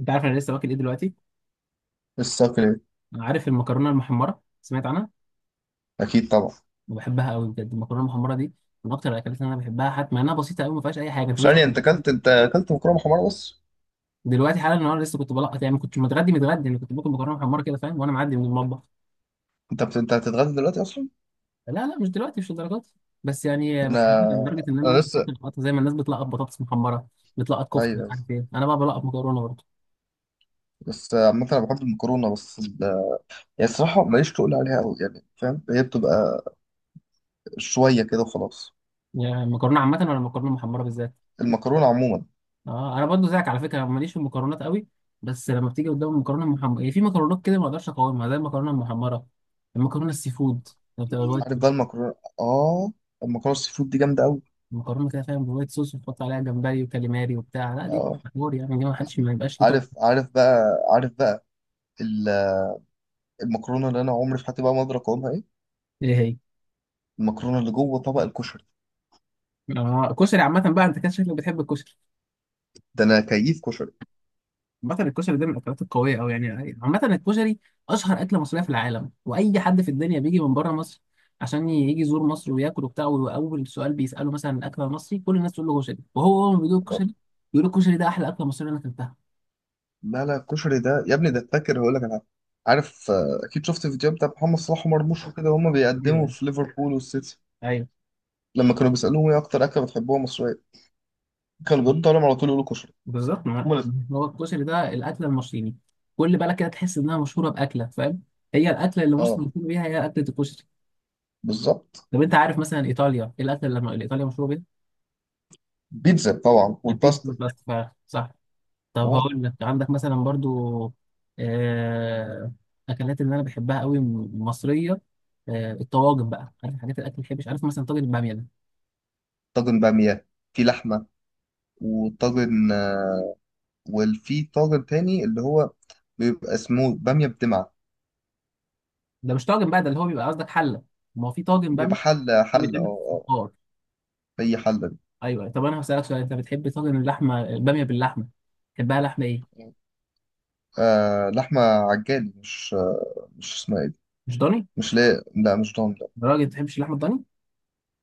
انت عارف انا لسه واكل ايه دلوقتي؟ الصقر. انا عارف المكرونه المحمره، سمعت عنها. اكيد طبعا. وبحبها قوي، بجد المكرونه المحمره دي من اكتر الاكلات اللي انا بحبها، حتى مع انها بسيطه قوي، ما فيهاش اي حاجه. انت دوست ثانية، انت اكلت مكرونه حمراء بس. دلوقتي حالا؟ النهارده لسه كنت بلقط، يعني ما كنتش متغدي متغدي، انا كنت باكل مكرونه محمره كده، فاهم؟ وانا معدي من المطبخ. انت هتتغدى دلوقتي اصلا؟ لا لا، مش دلوقتي، مش للدرجات دي. بس يعني انا بحبها لدرجه ان انا انا ممكن لسه. اكل لقطه، زي ما الناس بتلقط بطاطس محمره، بتلقط كفته، مش ايوه، عارف ايه، انا بقى بلقط مكرونه برضه. بس عامة انا بحب المكرونه، بس يعني الصراحه ماليش تقول عليها قوي، يعني فاهم، هي بتبقى شويه كده وخلاص. يعني مكرونه عامه ولا مكرونه محمره بالذات؟ المكرونه عموما. اه، انا برضو زيك على فكره، ماليش في المكرونات قوي. بس لما بتيجي قدام المكرونه المحمره، هي في مكرونات كده ما اقدرش اقاومها زي المكرونه المحمره. المكرونه السي فود، اللي بتبقى الوايت عارف صوص. بقى المكرونه. اه، المكرونه السي فود دي جامده قوي. المكرونه كده فاهم، بالوايت صوص، وتحط عليها جمبري وكاليماري وبتاع، لا دي اه، حوار يعني، دي ما حدش ما يبقاش ليه طاقه. عارف عارف بقى عارف بقى ال- المكرونه اللي انا عمري في حياتي بقى ما ادرك اقومها ايه؟ ايه هي؟ المكرونه اللي جوه طبق الكشري. آه، كشري عامه بقى، انت كده شكلك بتحب الكشري. ده انا كيف كشري. عامة الكشري ده من الأكلات القوية أوي يعني. عامة الكشري أشهر أكلة مصرية في العالم، وأي حد في الدنيا بيجي من بره مصر عشان يجي يزور مصر وياكل وبتاع، وأول سؤال بيسأله مثلا الأكل المصري، كل الناس تقول له كشري، وهو أول ما بيدوق الكشري بيقول الكشري ده أحلى أكلة مصرية أنا أكلتها. لا لا، الكشري ده يا ابني، ده فاكر هقول لك انا. عارف، اكيد شفت الفيديو بتاع محمد صلاح ومرموش وكده، وهما بيقدموا ايوه، في ليفربول والسيتي. ايوه، لما كانوا بيسالوهم ايه اكتر اكله بتحبوها مصريه، كانوا بيردوا عليهم على طول يقولوا كشري. بالظبط. هما ما الاتنين. هو الكشري ده الأكلة المصرية، كل بالك كده تحس إنها مشهورة بأكلة، فاهم؟ هي الأكلة اللي مصر اه، مشهورة بيها هي أكلة الكشري. بالظبط. طب أنت عارف مثلا إيطاليا إيه الأكلة اللي إيطاليا مشهورة بيها؟ بيتزا طبعا البيتزا والباستا. بالباستا، صح. طب آه. هقول لك عندك مثلا برضو آه، اكلات اللي انا بحبها قوي مصريه. الطواجن بقى، عارف حاجات الاكل اللي بحبش؟ عارف مثلا طاجن الباميه ده؟ طاجن باميه في لحمه، وطاجن آه، وفي طاجن تاني اللي هو بيبقى اسمه باميه بدمعه. ده مش طاجن بقى، ده اللي هو بيبقى قصدك حله. ما هو في طاجن باميه، بيبقى حله، هو حله. بيتعمل اه، في اه. فخار. هي حله دي. ايوه، أيوة. طب انا هسالك سؤال، انت بتحب طاجن اللحمه، الباميه باللحمه، بتحبها لحمه ايه؟ آه، لحمه عجالي، مش اسمها إيه دي. مش ضاني؟ مش، لا لا، مش ضامن، لا. يا راجل، ما بتحبش اللحمه الضاني؟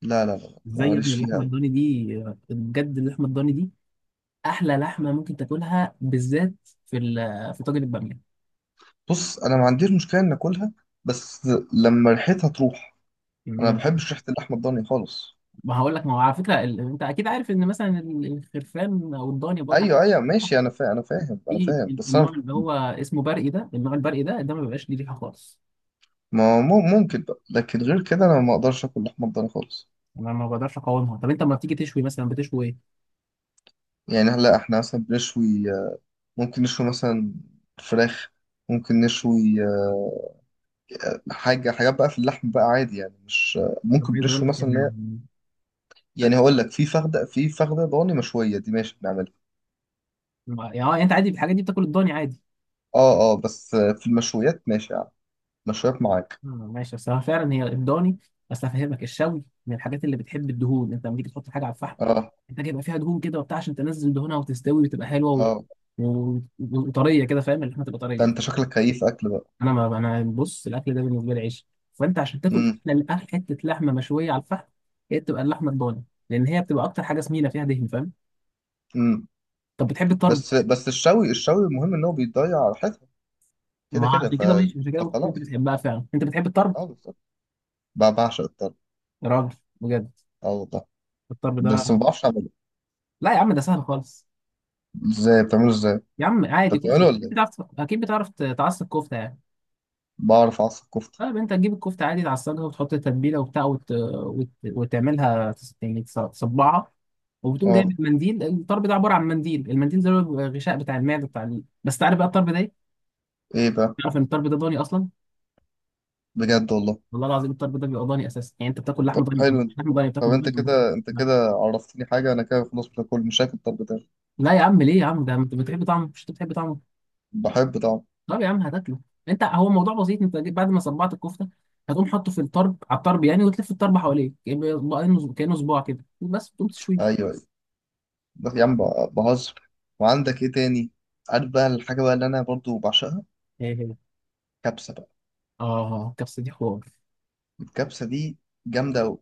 لا لا لا لا ازاي يا ابني، ماليش فيها اللحمه أوي. الضاني دي، بجد اللحمه الضاني دي احلى لحمه ممكن تاكلها، بالذات في طاجن الباميه. بص، انا ما عنديش مشكله ان اكلها، بس لما ريحتها تروح، انا ما بحبش ريحه اللحمه الضاني خالص. ما هقول لك، ما هو على فكره انت اكيد عارف ان مثلا الخرفان او الضاني بوجه عام، ايوه ايوه، ماشي، انا فاهم انا فاهم انا في فاهم، بس النوع انا اللي هو اسمه برقي، ده النوع البرقي ده ما بيبقاش ليه ريحه خالص. ما مم- ممكن بقى، لكن غير كده انا ما اقدرش اكل لحمه الضاني خالص. انا ما بقدرش اقاومها. طب انت لما بتيجي تشوي مثلا بتشوي ايه؟ يعني هلا احنا مثلا بنشوي، ممكن نشوي مثلا فراخ، ممكن نشوي، حاجات بقى في اللحم بقى عادي، يعني مش طب ممكن عايز اقول بنشوي لك يعني مثلا. يعني هقول لك، في فخده ضاني مشويه دي ماشي بنعملها. انت عادي الحاجات دي بتاكل الضاني عادي. اه اه، بس في المشويات ماشي يعني، مشويات معاك. ماشي، بس هو فعلا هي الضاني. بس هفهمك، الشوي من الحاجات اللي بتحب الدهون، انت لما تيجي تحط حاجه على الفحم اه محتاج يبقى فيها دهون كده وبتاع، عشان تنزل دهونها وتستوي وتبقى حلوه اه، وطريه كده، فاهم؟ اللحمه تبقى ده طريه. انت شكلك كيف اكل بقى. انا ما انا بص، الاكل ده بالنسبه لي عيش، فانت عشان تاكل امم احلى حته لحمه مشويه على الفحم هي بتبقى اللحمه الضاني، لان هي بتبقى اكتر حاجه سمينه فيها دهن، فاهم؟ امم، طب بتحب الطرب؟ بس الشوي الشوي، المهم ان هو بيضيع ريحتها كده ما كده. عشان كده ماشي، عشان كده ممكن كنت فخلاص. بتحبها فعلا، انت بتحب الطرب، اه، بالظبط. بعشق الطرب. يا راجل، بجد، اه والله، الطرب ده. بس ما بعرفش اعمله. لا يا عم، ده سهل خالص. ازاي بتعمله؟ ازاي يا عم انت عادي، كفته، بتعمله ولا اكيد ايه؟ بتعرف اكيد بتعرف تعصب كفته يعني. بعرف اعصر كفته. اه، انت تجيب الكفته عادي، تعصجها وتحط التتبيله وبتاع، وتعملها يعني تصبعها. وبتقوم جايب اه. المنديل، الطرب ده عباره عن منديل، المنديل ده اللي هو بيبقى الغشاء بتاع المعده، بتاع بس تعرف بقى الطرب ده ايه؟ ايه بقى؟ تعرف ان الطرب ده ضاني اصلا؟ بجد والله؟ والله العظيم الطرب ده بيبقى ضاني اساسا، يعني انت بتاكل لحم ضاني. حلو مش انت. لحم ضاني، طب بتاكل انت ضاني. بتاكل- كده انت كده عرفتني حاجه، انا كده خلاص مش هاكل، مش هاكل الطرب تاني. لا يا عم، ليه يا عم؟ ده انت بتحب طعمه، مش انت بتحب طعمه؟ بحب طعم. طب يا عم هتاكله. انت هو الموضوع بسيط، انت بعد ما صبعت الكفته هتقوم حاطه في الطرب، على الطرب يعني، وتلف الطرب حواليه كانه صباع كده، بس تقوم تشويه. ايوه، بس يا عم، بهزر. وعندك ايه تاني؟ عارف بقى الحاجة بقى اللي انا برضو بعشقها؟ كبسة بقى. اه، الكبسة دي حوار. الكبسة دي جامدة أوي.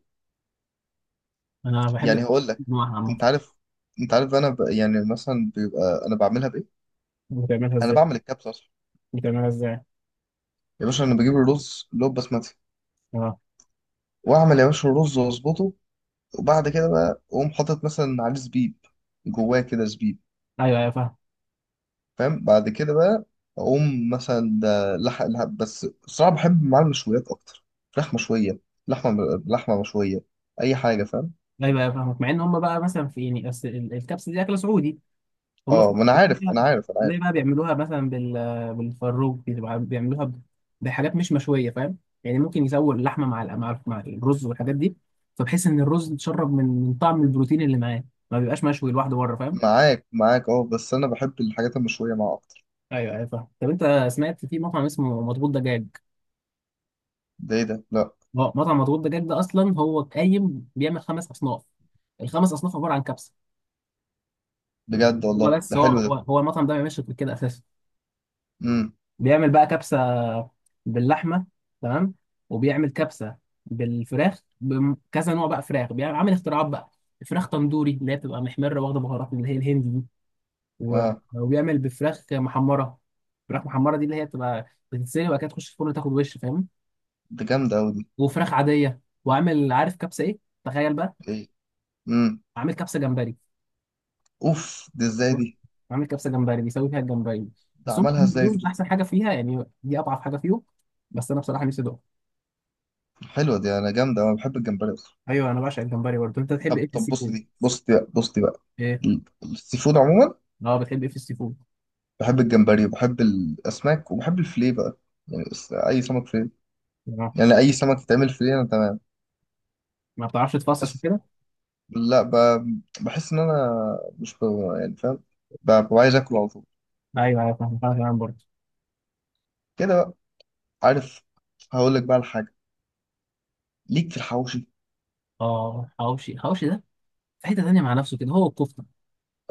انا بحب يعني الكبسة، هقول لك، انواعها عامة. انت عارف، انت عارف، انا يعني مثلا بيبقى انا بعملها بايه. بتعملها انا ازاي؟ بعمل الكبسة اصلا. بتعملها ازاي؟ يا باشا، انا بجيب الرز اللي هو بسمتي، اه. واعمل يا باشا الرز واظبطه، وبعد كده بقى اقوم حاطط مثلا عليه زبيب، جواه كده زبيب، ايوه، ايوه، فاهم. فاهم. بعد كده بقى اقوم مثلا ده لحق لحق، بس الصراحه بحب معاه المشويات اكتر، فراخ مشويه، لحمه لحمه مشويه، اي حاجه فاهم. ايوه، ايوه، فاهمك. مع ان هم بقى مثلا، في يعني أصل الكبسة دي اكلة سعودي، هم في اه، ما انا عارف انا السعودية. عارف انا زي عارف. بقى بيعملوها مثلا بالفروج، بتبقى بيعملوها بحاجات مش مشوية، فاهم؟ يعني ممكن يسووا اللحمة مع الرز والحاجات دي، فبحس ان الرز اتشرب من طعم البروتين اللي معاه، ما بيبقاش مشوي لوحده بره، فاهم؟ معاك معاك، اه، بس انا بحب الحاجات المشويه معاه اكتر. ايوه، ايوه، فاهم. طب انت سمعت في مطعم اسمه مضبوط دجاج؟ ده ايه ده؟ لا. اه، مطعم مضغوط دجاج ده اصلا هو قايم بيعمل 5 اصناف. ال5 اصناف عباره عن كبسه. بجد والله؟ هو ده بس هو حلو هو ده. هو المطعم ده ما بيعملش غير كده اساسا. امم. بيعمل بقى كبسه باللحمه، تمام، وبيعمل كبسه بالفراخ بكذا نوع بقى، فراخ بيعمل، عامل اختراعات بقى. فراخ تندوري اللي هي بتبقى محمره واخده بهارات، اللي هي الهندي دي، و- اه، وبيعمل بفراخ محمره. فراخ محمره دي اللي هي بتبقى بتتسلق وبعد كده تخش الفرن تاخد وش، فاهم؟ ده جامده قوي دي. وفراخ عاديه. وعامل، عارف كبسه ايه؟ تخيل بقى، ايه؟ امم. عامل كبسه جمبري. اوف، دي ازاي دي؟ عامل كبسه جمبري بيسوي فيها الجمبري. ده بس هم عملها عاملين ازاي دول دي؟ مش احسن حاجه فيها، يعني دي اضعف حاجه فيهم. بس انا بصراحه نفسي ادوق. حلوه دي انا، جامده، انا بحب الجمبري اكتر. ايوه، انا بعشق الجمبري برضه. انت بتحب طب ايه في طب، السي بص فود؟ دي، بص دي بقى، بص دي بقى. ايه؟ السي فود عموما اه، بتحب ايه في السي فود؟ بحب الجمبري، وبحب الاسماك، وبحب الفيليه بقى. يعني بس اي سمك فيليه، اه، يعني اي سمك يتعمل فيليه انا تمام. ما بتعرفش تفصص بس وكده؟ لا، بحس ان انا مش، يعني فاهم، ببقى عايز اكل على طول ايوه، ايوه، فاهم. انا كمان برضه. كده بقى، عارف. هقول لك بقى الحاجه ليك في الحواوشي. اه، حواوشي، حواوشي ده في حته تانيه مع نفسه كده، هو الكفته.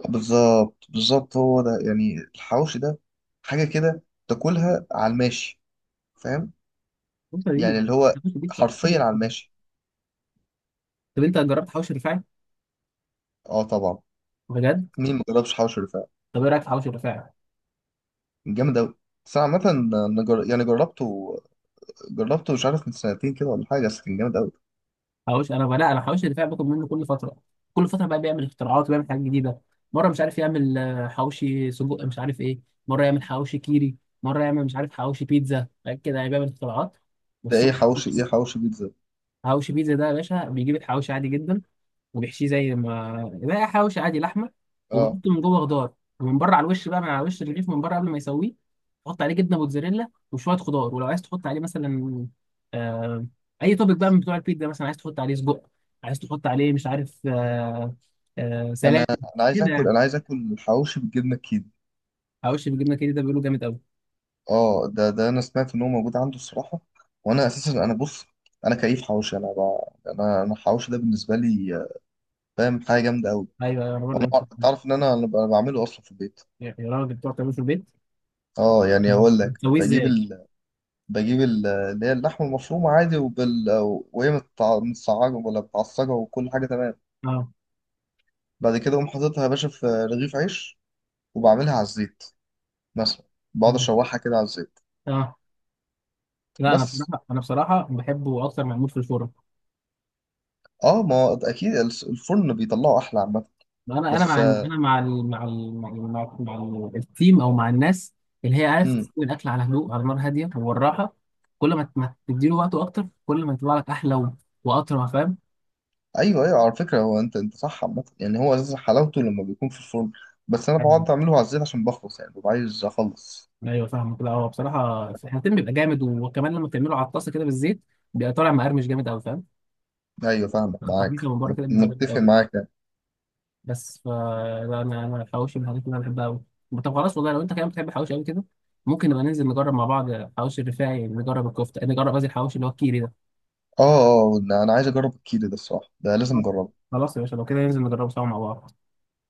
بالظبط بالظبط، هو ده يعني الحواوشي ده، حاجه كده تاكلها على الماشي، فاهم، الكفته دي، يعني اللي هو الكفته دي بتبقى حرفيا حلوة على أوي. الماشي. طب انت جربت حواوشي الرفاعي؟ اه طبعا، بجد؟ مين ما جربش حواوشي رفاعي. طب ايه رايك في حواوشي الرفاعي؟ جامد اوي. بس انا عامة، أنا يعني جربته، جربته مش عارف من سنتين كده ولا حاجه، بس كان جامد قوي. حوش انا بقى لا انا حوش الدفاع باخد منه كل فتره، كل فتره بقى بيعمل اختراعات وبيعمل حاجات جديده. مره مش عارف يعمل حوشي سجق، مش عارف ايه. مره يعمل حوشي كيري. مره يعمل مش عارف حوشي بيتزا، حاجات كده يعني بيعمل اختراعات. ده بس ايه هو حواوشي؟ حوشي. ايه حواوشي بيتزا؟ حوشي بيتزا ده يا باشا، بيجيب الحوشي عادي جدا وبيحشيه زي ما لا، حواوشي عادي لحمه، اه، وبيحط من جوه خضار، ومن بره على الوش بقى، من على وش الرغيف من بره قبل ما يسويه، تحط عليه جبنه موتزاريلا وشويه خضار، ولو عايز تحط عليه مثلا آه اي توبك بقى من بتوع البيتزا، مثلا عايز تحط عليه سجق، عايز تحط عليه مش عارف، آه سلام. انا انا عايز كده اكل، يعني، انا عايز اكل حواوشي بالجبنه الكيري. حواوشي بالجبنه كده، ده بيقولوا جامد قوي. اه، ده انا سمعت ان هو موجود عنده الصراحه. وانا اساسا انا بص، انا كيف حواوشي، انا ب... انا انا الحواوشي ده بالنسبه لي، فاهم حاجه جامده قوي. ايوه، ايوه، انا برضه انا نفس الكلام. تعرف ان انا بعمله اصلا في البيت. يا راجل، بتوع تعمله في البيت؟ اه، يعني اقول لك بتسويه ازاي؟ اللي هي اللحمه المفرومه عادي، وهي متسعجه ولا متعصجه، وكل حاجه تمام. اه، بعد كده اقوم حاططها يا باشا في رغيف عيش، وبعملها على الزيت مثلا، بقعد اشوحها كده على الزيت. اه، لا، انا بس بصراحه، بحبه اكتر معمول في الفرن. اه، ما هو اكيد الفرن بيطلعه احلى عامه. انا انا بس مع انا مع ال مع ال مع مع التيم او مع الناس اللي هي عارف امم، تسوي الاكل على هدوء، على نار هاديه والراحه. كل ما تديله وقته اكتر كل ما يطلع لك احلى واطرى، فاهم؟ ايوه ايوه، على فكره هو انت صح، عامه يعني هو اساس حلاوته لما بيكون في الفرن. بس انا فاهم. بقعد اعمله على الزيت عشان بخلص، يعني ببقى عايز اخلص. ايوه، فاهم كده. هو بصراحه التيم بيبقى جامد، وكمان لما تعمله على الطاسه كده بالزيت بيبقى طالع مقرمش جامد قوي، فاهم؟ ايوه فاهمك، التحميص معاك، اللي من بره كده بيبقى جامد متفق قوي. معاك يعني. بس لا، انا الحواوشي من الحاجات اللي انا بحبها قوي. طب خلاص، والله لو انت كمان بتحب الحواوشي قوي كده ممكن نبقى ننزل نجرب مع بعض حواوشي الرفاعي، نجرب الكفته، نجرب قصدي الحواوشي اللي هو الكيري ده. اه اه، انا عايز اجرب الكيري ده الصراحه، ده لازم اجربه. خلاص يا باشا، لو كده ننزل نجربه سوا مع بعض.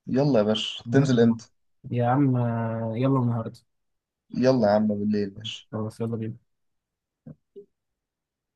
يلا يا باشا، تنزل يلا. امتى؟ يا عم، يلا النهارده. يلا يا عم، بالليل ماشي. خلاص يلا بينا.